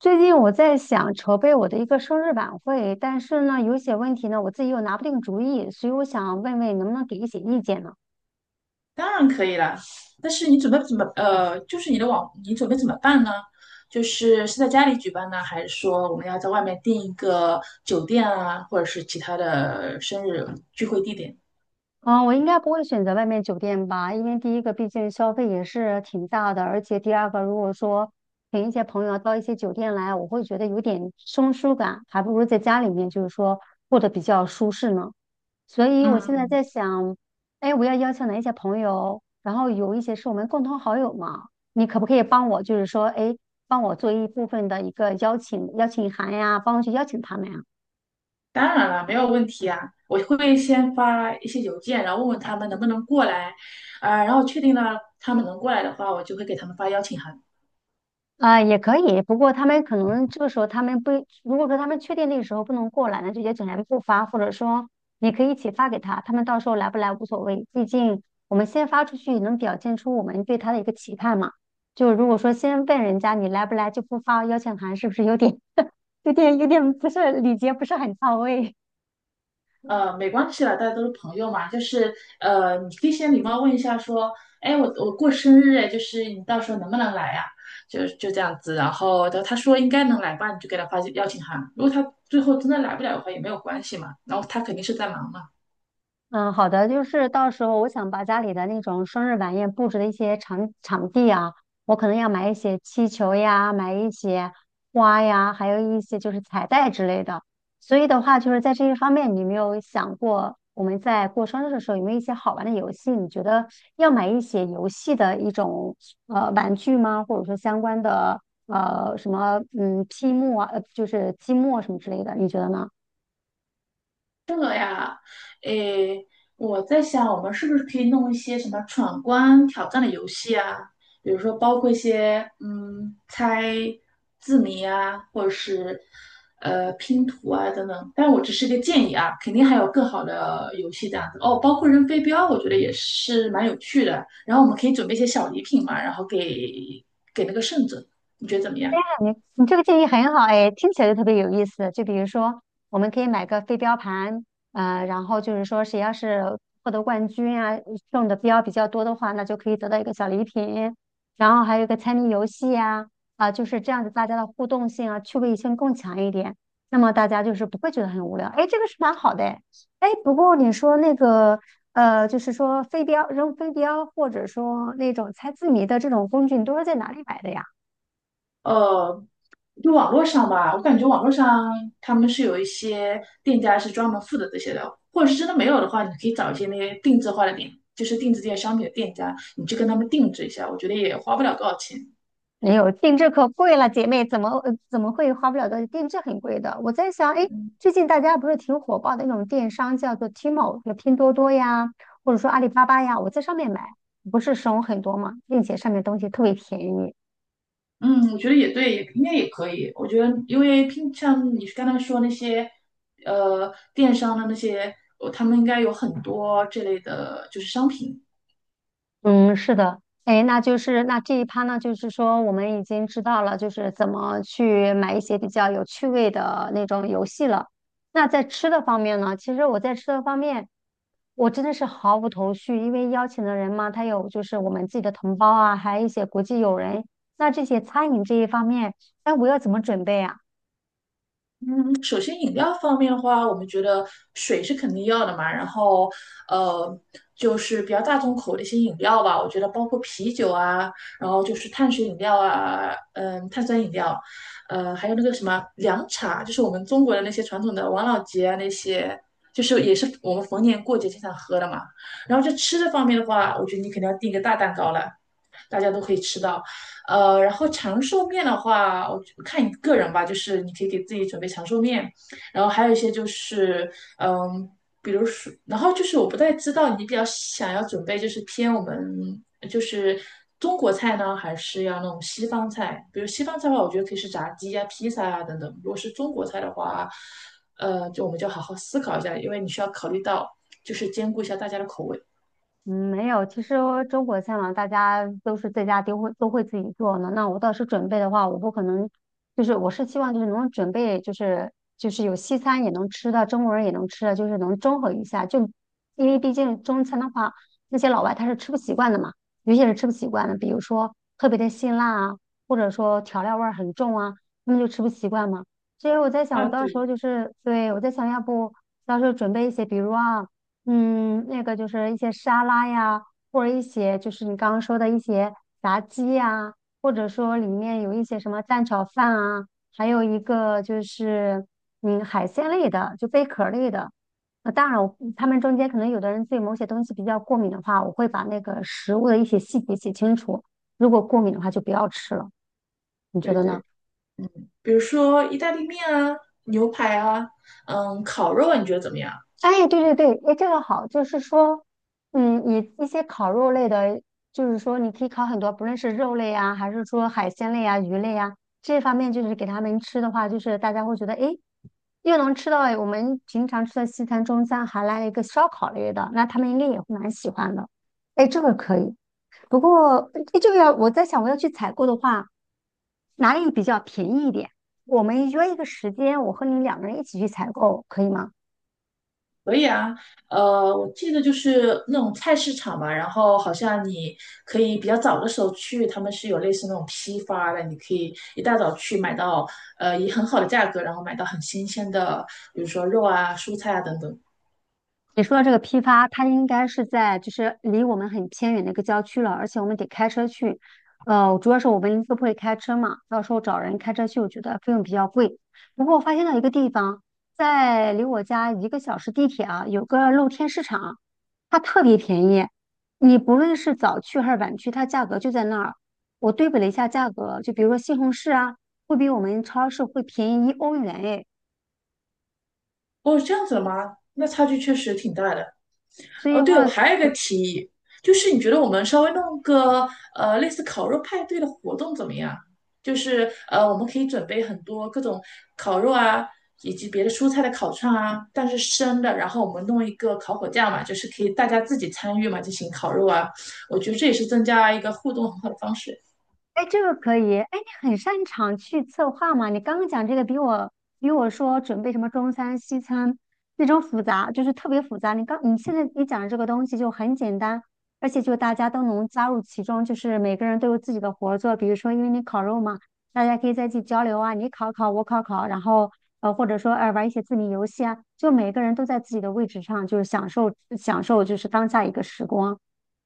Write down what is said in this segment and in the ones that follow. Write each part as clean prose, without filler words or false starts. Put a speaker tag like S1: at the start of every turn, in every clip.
S1: 最近我在想筹备我的一个生日晚会，但是呢，有一些问题呢，我自己又拿不定主意，所以我想问问你能不能给一些意见呢？
S2: 当然可以啦，但是你准备怎么就是你的你准备怎么办呢？就是是在家里举办呢，还是说我们要在外面订一个酒店啊，或者是其他的生日聚会地点？
S1: 嗯，我应该不会选择外面酒店吧，因为第一个毕竟消费也是挺大的，而且第二个如果说请一些朋友到一些酒店来，我会觉得有点生疏感，还不如在家里面就是说过得比较舒适呢。所以我现在
S2: 嗯，
S1: 在想，哎，我要邀请哪一些朋友？然后有一些是我们共同好友嘛，你可不可以帮我，就是说，哎，帮我做一部分的一个邀请函呀，帮我去邀请他们呀？
S2: 当然了，没有问题啊。我会先发一些邮件，然后问问他们能不能过来，然后确定了他们能过来的话，我就会给他们发邀请函。
S1: 啊、也可以，不过他们可能这个时候他们不，如果说他们确定那个时候不能过来，那就邀请函不发，或者说你可以一起发给他，他们到时候来不来无所谓，毕竟我们先发出去能表现出我们对他的一个期盼嘛。就如果说先问人家你来不来就不发邀请函，是不是有点？有点不是礼节不是很到位。
S2: 没关系啦，大家都是朋友嘛，你可以先礼貌问一下，说，哎，我过生日，哎，就是你到时候能不能来呀、就这样子，然后他说应该能来吧，你就给他发邀请函。如果他最后真的来不了的话，也没有关系嘛，然后他肯定是在忙嘛。
S1: 嗯，好的，就是到时候我想把家里的那种生日晚宴布置的一些场地啊，我可能要买一些气球呀，买一些花呀，还有一些就是彩带之类的。所以的话，就是在这一方面，你有没有想过我们在过生日的时候有没有一些好玩的游戏？你觉得要买一些游戏的一种玩具吗？或者说相关的什么积木啊，就是积木啊什么之类的，你觉得呢？
S2: 这个呀，诶，我在想，我们是不是可以弄一些什么闯关挑战的游戏啊？比如说，包括一些猜字谜啊，或者是拼图啊等等。但我只是一个建议啊，肯定还有更好的游戏这样子哦。包括扔飞镖，我觉得也是蛮有趣的。然后我们可以准备一些小礼品嘛，然后给那个胜者，你觉得怎么样？
S1: 你这个建议很好哎，听起来就特别有意思。就比如说，我们可以买个飞镖盘，然后就是说谁要是获得冠军啊，中的标比较多的话，那就可以得到一个小礼品。然后还有一个猜谜游戏呀，啊，就是这样子，大家的互动性啊，趣味性更强一点。那么大家就是不会觉得很无聊。哎，这个是蛮好的哎。哎，不过你说那个就是说飞镖扔飞镖，或者说那种猜字谜的这种工具，你都是在哪里买的呀？
S2: 呃，就网络上吧，我感觉网络上他们是有一些店家是专门负责这些的，或者是真的没有的话，你可以找一些那些定制化的店，就是定制这些商品的店家，你去跟他们定制一下，我觉得也花不了多少钱。
S1: 没有，定制可贵了，姐妹，怎么会花不了的？定制很贵的。我在想，哎，最近大家不是挺火爆的那种电商，叫做 t m a l 拼多多呀，或者说阿里巴巴呀，我在上面买，不是省很多嘛，并且上面东西特别便宜。
S2: 嗯，我觉得也对，也应该也可以。我觉得，因为平像你刚才说那些，电商的那些，他们应该有很多这类的，就是商品。
S1: 嗯，是的，哎，那就是那这一趴呢，就是说我们已经知道了，就是怎么去买一些比较有趣味的那种游戏了。那在吃的方面呢，其实我在吃的方面，我真的是毫无头绪，因为邀请的人嘛，他有就是我们自己的同胞啊，还有一些国际友人。那这些餐饮这一方面，哎，我要怎么准备啊？
S2: 首先饮料方面的话，我们觉得水是肯定要的嘛，然后呃，就是比较大众口的一些饮料吧，我觉得包括啤酒啊，然后就是碳水饮料啊，碳酸饮料，还有那个什么凉茶，就是我们中国的那些传统的王老吉啊那些。就是也是我们逢年过节经常喝的嘛，然后就吃的方面的话，我觉得你肯定要订一个大蛋糕了，大家都可以吃到。然后长寿面的话，我觉看你个人吧，就是你可以给自己准备长寿面，然后还有一些嗯，比如说，然后就是我不太知道你比较想要准备就是偏我们就是中国菜呢，还是要那种西方菜？比如西方菜的话，我觉得可以是炸鸡呀、披萨呀等等。如果是中国菜的话，就我们就好好思考一下，因为你需要考虑到就是兼顾一下大家的口味。
S1: 嗯，没有。其实中国菜嘛，大家都是在家都会自己做呢。那我倒是准备的话，我不可能，就是我是希望就是能准备，就是有西餐也能吃的，中国人也能吃的，就是能中和一下。就因为毕竟中餐的话，那些老外他是吃不习惯的嘛，有些人吃不习惯的，比如说特别的辛辣啊，或者说调料味儿很重啊，他们就吃不习惯嘛。所以我在想，
S2: 啊，
S1: 我到时
S2: 对
S1: 候就是，对，我在想，要不到时候准备一些，比如啊。嗯，那个就是一些沙拉呀，或者一些就是你刚刚说的一些炸鸡呀，或者说里面有一些什么蛋炒饭啊，还有一个就是海鲜类的，就贝壳类的。当然我他们中间可能有的人对某些东西比较过敏的话，我会把那个食物的一些细节写清楚。如果过敏的话，就不要吃了。你觉
S2: 对
S1: 得呢？
S2: 对。比如说意大利面啊、牛排啊，烤肉啊，你觉得怎么样？
S1: 哎，对对对，哎，这个好，就是说，嗯，你一些烤肉类的，就是说你可以烤很多，不论是肉类啊，还是说海鲜类啊、鱼类啊，这方面就是给他们吃的话，就是大家会觉得，哎，又能吃到哎我们平常吃的西餐、中餐，还来了一个烧烤类的，那他们应该也会蛮喜欢的。哎，这个可以。不过，哎，这个要我在想，我要去采购的话，哪里比较便宜一点？我们约一个时间，我和你两个人一起去采购，可以吗？
S2: 可以啊，我记得就是那种菜市场嘛，然后好像你可以比较早的时候去，他们是有类似那种批发的，你可以一大早去买到，以很好的价格，然后买到很新鲜的，比如说肉啊、蔬菜啊等等。
S1: 你说的这个批发，它应该是在就是离我们很偏远的一个郊区了，而且我们得开车去。主要是我们都不会开车嘛，到时候找人开车去，我觉得费用比较贵。不过我发现到一个地方，在离我家一个小时地铁啊，有个露天市场，它特别便宜。你不论是早去还是晚去，它价格就在那儿。我对比了一下价格，就比如说西红柿啊，会比我们超市会便宜一欧元诶。
S2: 哦，这样子的吗？那差距确实挺大的。
S1: 所以
S2: 哦，
S1: 的
S2: 对，我
S1: 话，
S2: 还有一个提议，就是你觉得我们稍微弄个类似烤肉派对的活动怎么样？我们可以准备很多各种烤肉啊，以及别的蔬菜的烤串啊，但是生的，然后我们弄一个烤火架嘛，就是可以大家自己参与嘛，进行烤肉啊。我觉得这也是增加一个互动很好的方式。
S1: 哎，这个可以。哎，你很擅长去策划嘛？你刚刚讲这个比我说准备什么中餐、西餐那种复杂，就是特别复杂。你现在你讲的这个东西就很简单，而且就大家都能加入其中，就是每个人都有自己的活儿做。比如说，因为你烤肉嘛，大家可以在一起交流啊，你烤烤，我烤烤，然后或者说玩一些字谜游戏啊，就每个人都在自己的位置上，就是享受享受就是当下一个时光，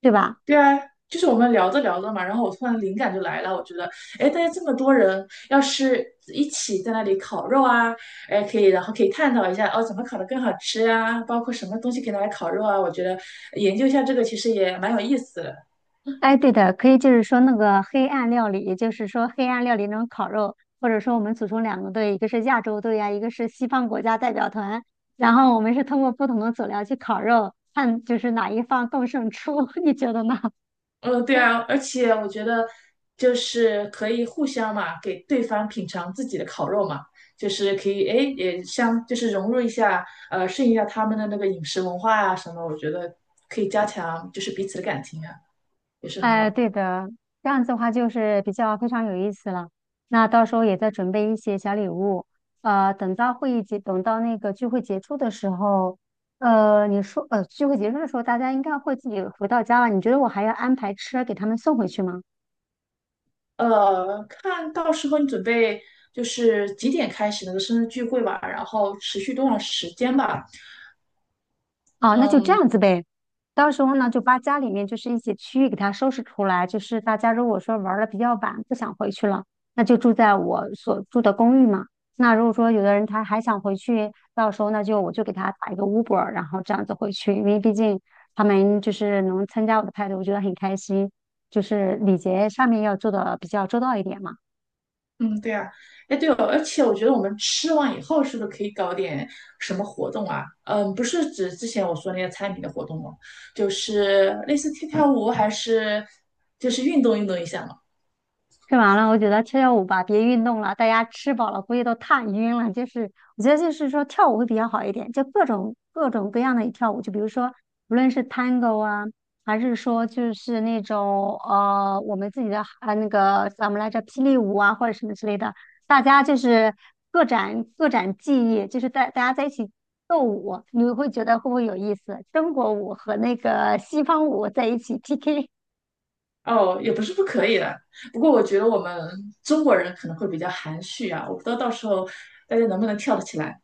S1: 对吧？
S2: 对啊，就是我们聊着聊着嘛，然后我突然灵感就来了，我觉得，哎，大家这么多人，要是一起在那里烤肉啊，哎，可以，然后可以探讨一下，哦，怎么烤的更好吃啊，包括什么东西可以拿来烤肉啊，我觉得研究一下这个其实也蛮有意思的。
S1: 哎，对的，可以就是说那个黑暗料理，也就是说黑暗料理那种烤肉，或者说我们组成两个队，一个是亚洲队呀、一个是西方国家代表团，然后我们是通过不同的佐料去烤肉，看就是哪一方更胜出，你觉得呢？
S2: 嗯，对啊，而且我觉得就是可以互相嘛，给对方品尝自己的烤肉嘛，就是可以，哎，就是融入一下，适应一下他们的那个饮食文化啊什么，我觉得可以加强就是彼此的感情啊。也是很好
S1: 哎，
S2: 的。
S1: 对的，这样子的话就是比较非常有意思了。那到时候也再准备一些小礼物，等到会议结，等到那个聚会结束的时候，你说，聚会结束的时候，大家应该会自己回到家了。你觉得我还要安排车给他们送回去吗？
S2: 看到时候你准备就是几点开始那个生日聚会吧，然后持续多长时间吧？
S1: 哦，那就这
S2: 嗯
S1: 样子呗。到时候呢，就把家里面就是一些区域给它收拾出来。就是大家如果说玩的比较晚，不想回去了，那就住在我所住的公寓嘛。那如果说有的人他还想回去，到时候那就我就给他打一个 Uber，然后这样子回去。因为毕竟他们就是能参加我的派对，我觉得很开心。就是礼节上面要做的比较周到一点嘛。
S2: 嗯，对啊，哎对哦，而且我觉得我们吃完以后是不是可以搞点什么活动啊？嗯，不是指之前我说那些餐饮的活动哦，就是类似跳跳舞，还是就是运动运动一下嘛。
S1: 吃完了，我觉得跳跳舞吧，别运动了，大家吃饱了估计都踏晕了。就是我觉得就是说跳舞会比较好一点，就各种各样的跳舞，就比如说无论是 Tango 啊，还是说就是那种我们自己的啊那个叫什么来着霹雳舞啊或者什么之类的，大家就是各展技艺，就是大家在一起斗舞，你会觉得会不会有意思？中国舞和那个西方舞在一起 PK。
S2: 哦，也不是不可以的，不过我觉得我们中国人可能会比较含蓄啊，我不知道到时候大家能不能跳得起来。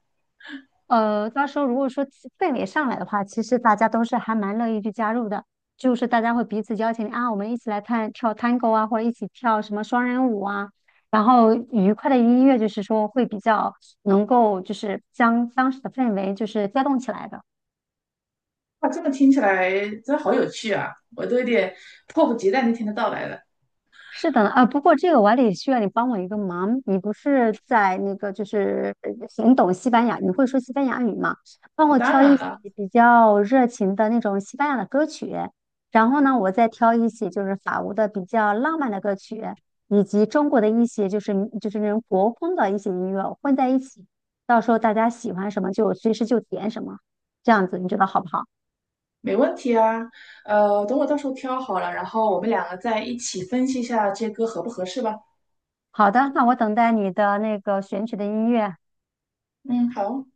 S1: 到时候如果说气氛围上来的话，其实大家都是还蛮乐意去加入的，就是大家会彼此邀请啊，我们一起来看跳 tango 啊，或者一起跳什么双人舞啊，然后愉快的音乐就是说会比较能够就是将当时的氛围就是调动起来的。
S2: 哇，这么听起来真好有趣啊！我都有点迫不及待那天的到来了。
S1: 是的呢，啊，不过这个我还得需要你帮我一个忙。你不是在那个，就是很懂西班牙，你会说西班牙语吗？帮
S2: 哦
S1: 我
S2: 当
S1: 挑一
S2: 然
S1: 些
S2: 了，
S1: 比较热情的那种西班牙的歌曲，然后呢，我再挑一些就是法国的比较浪漫的歌曲，以及中国的一些就是那种国风的一些音乐混在一起，到时候大家喜欢什么就随时就点什么，这样子你觉得好不好？
S2: 没问题啊。等我到时候挑好了，然后我们两个再一起分析一下这歌合不合适吧。
S1: 好的，那我等待你的那个选取的音乐。
S2: 嗯，好。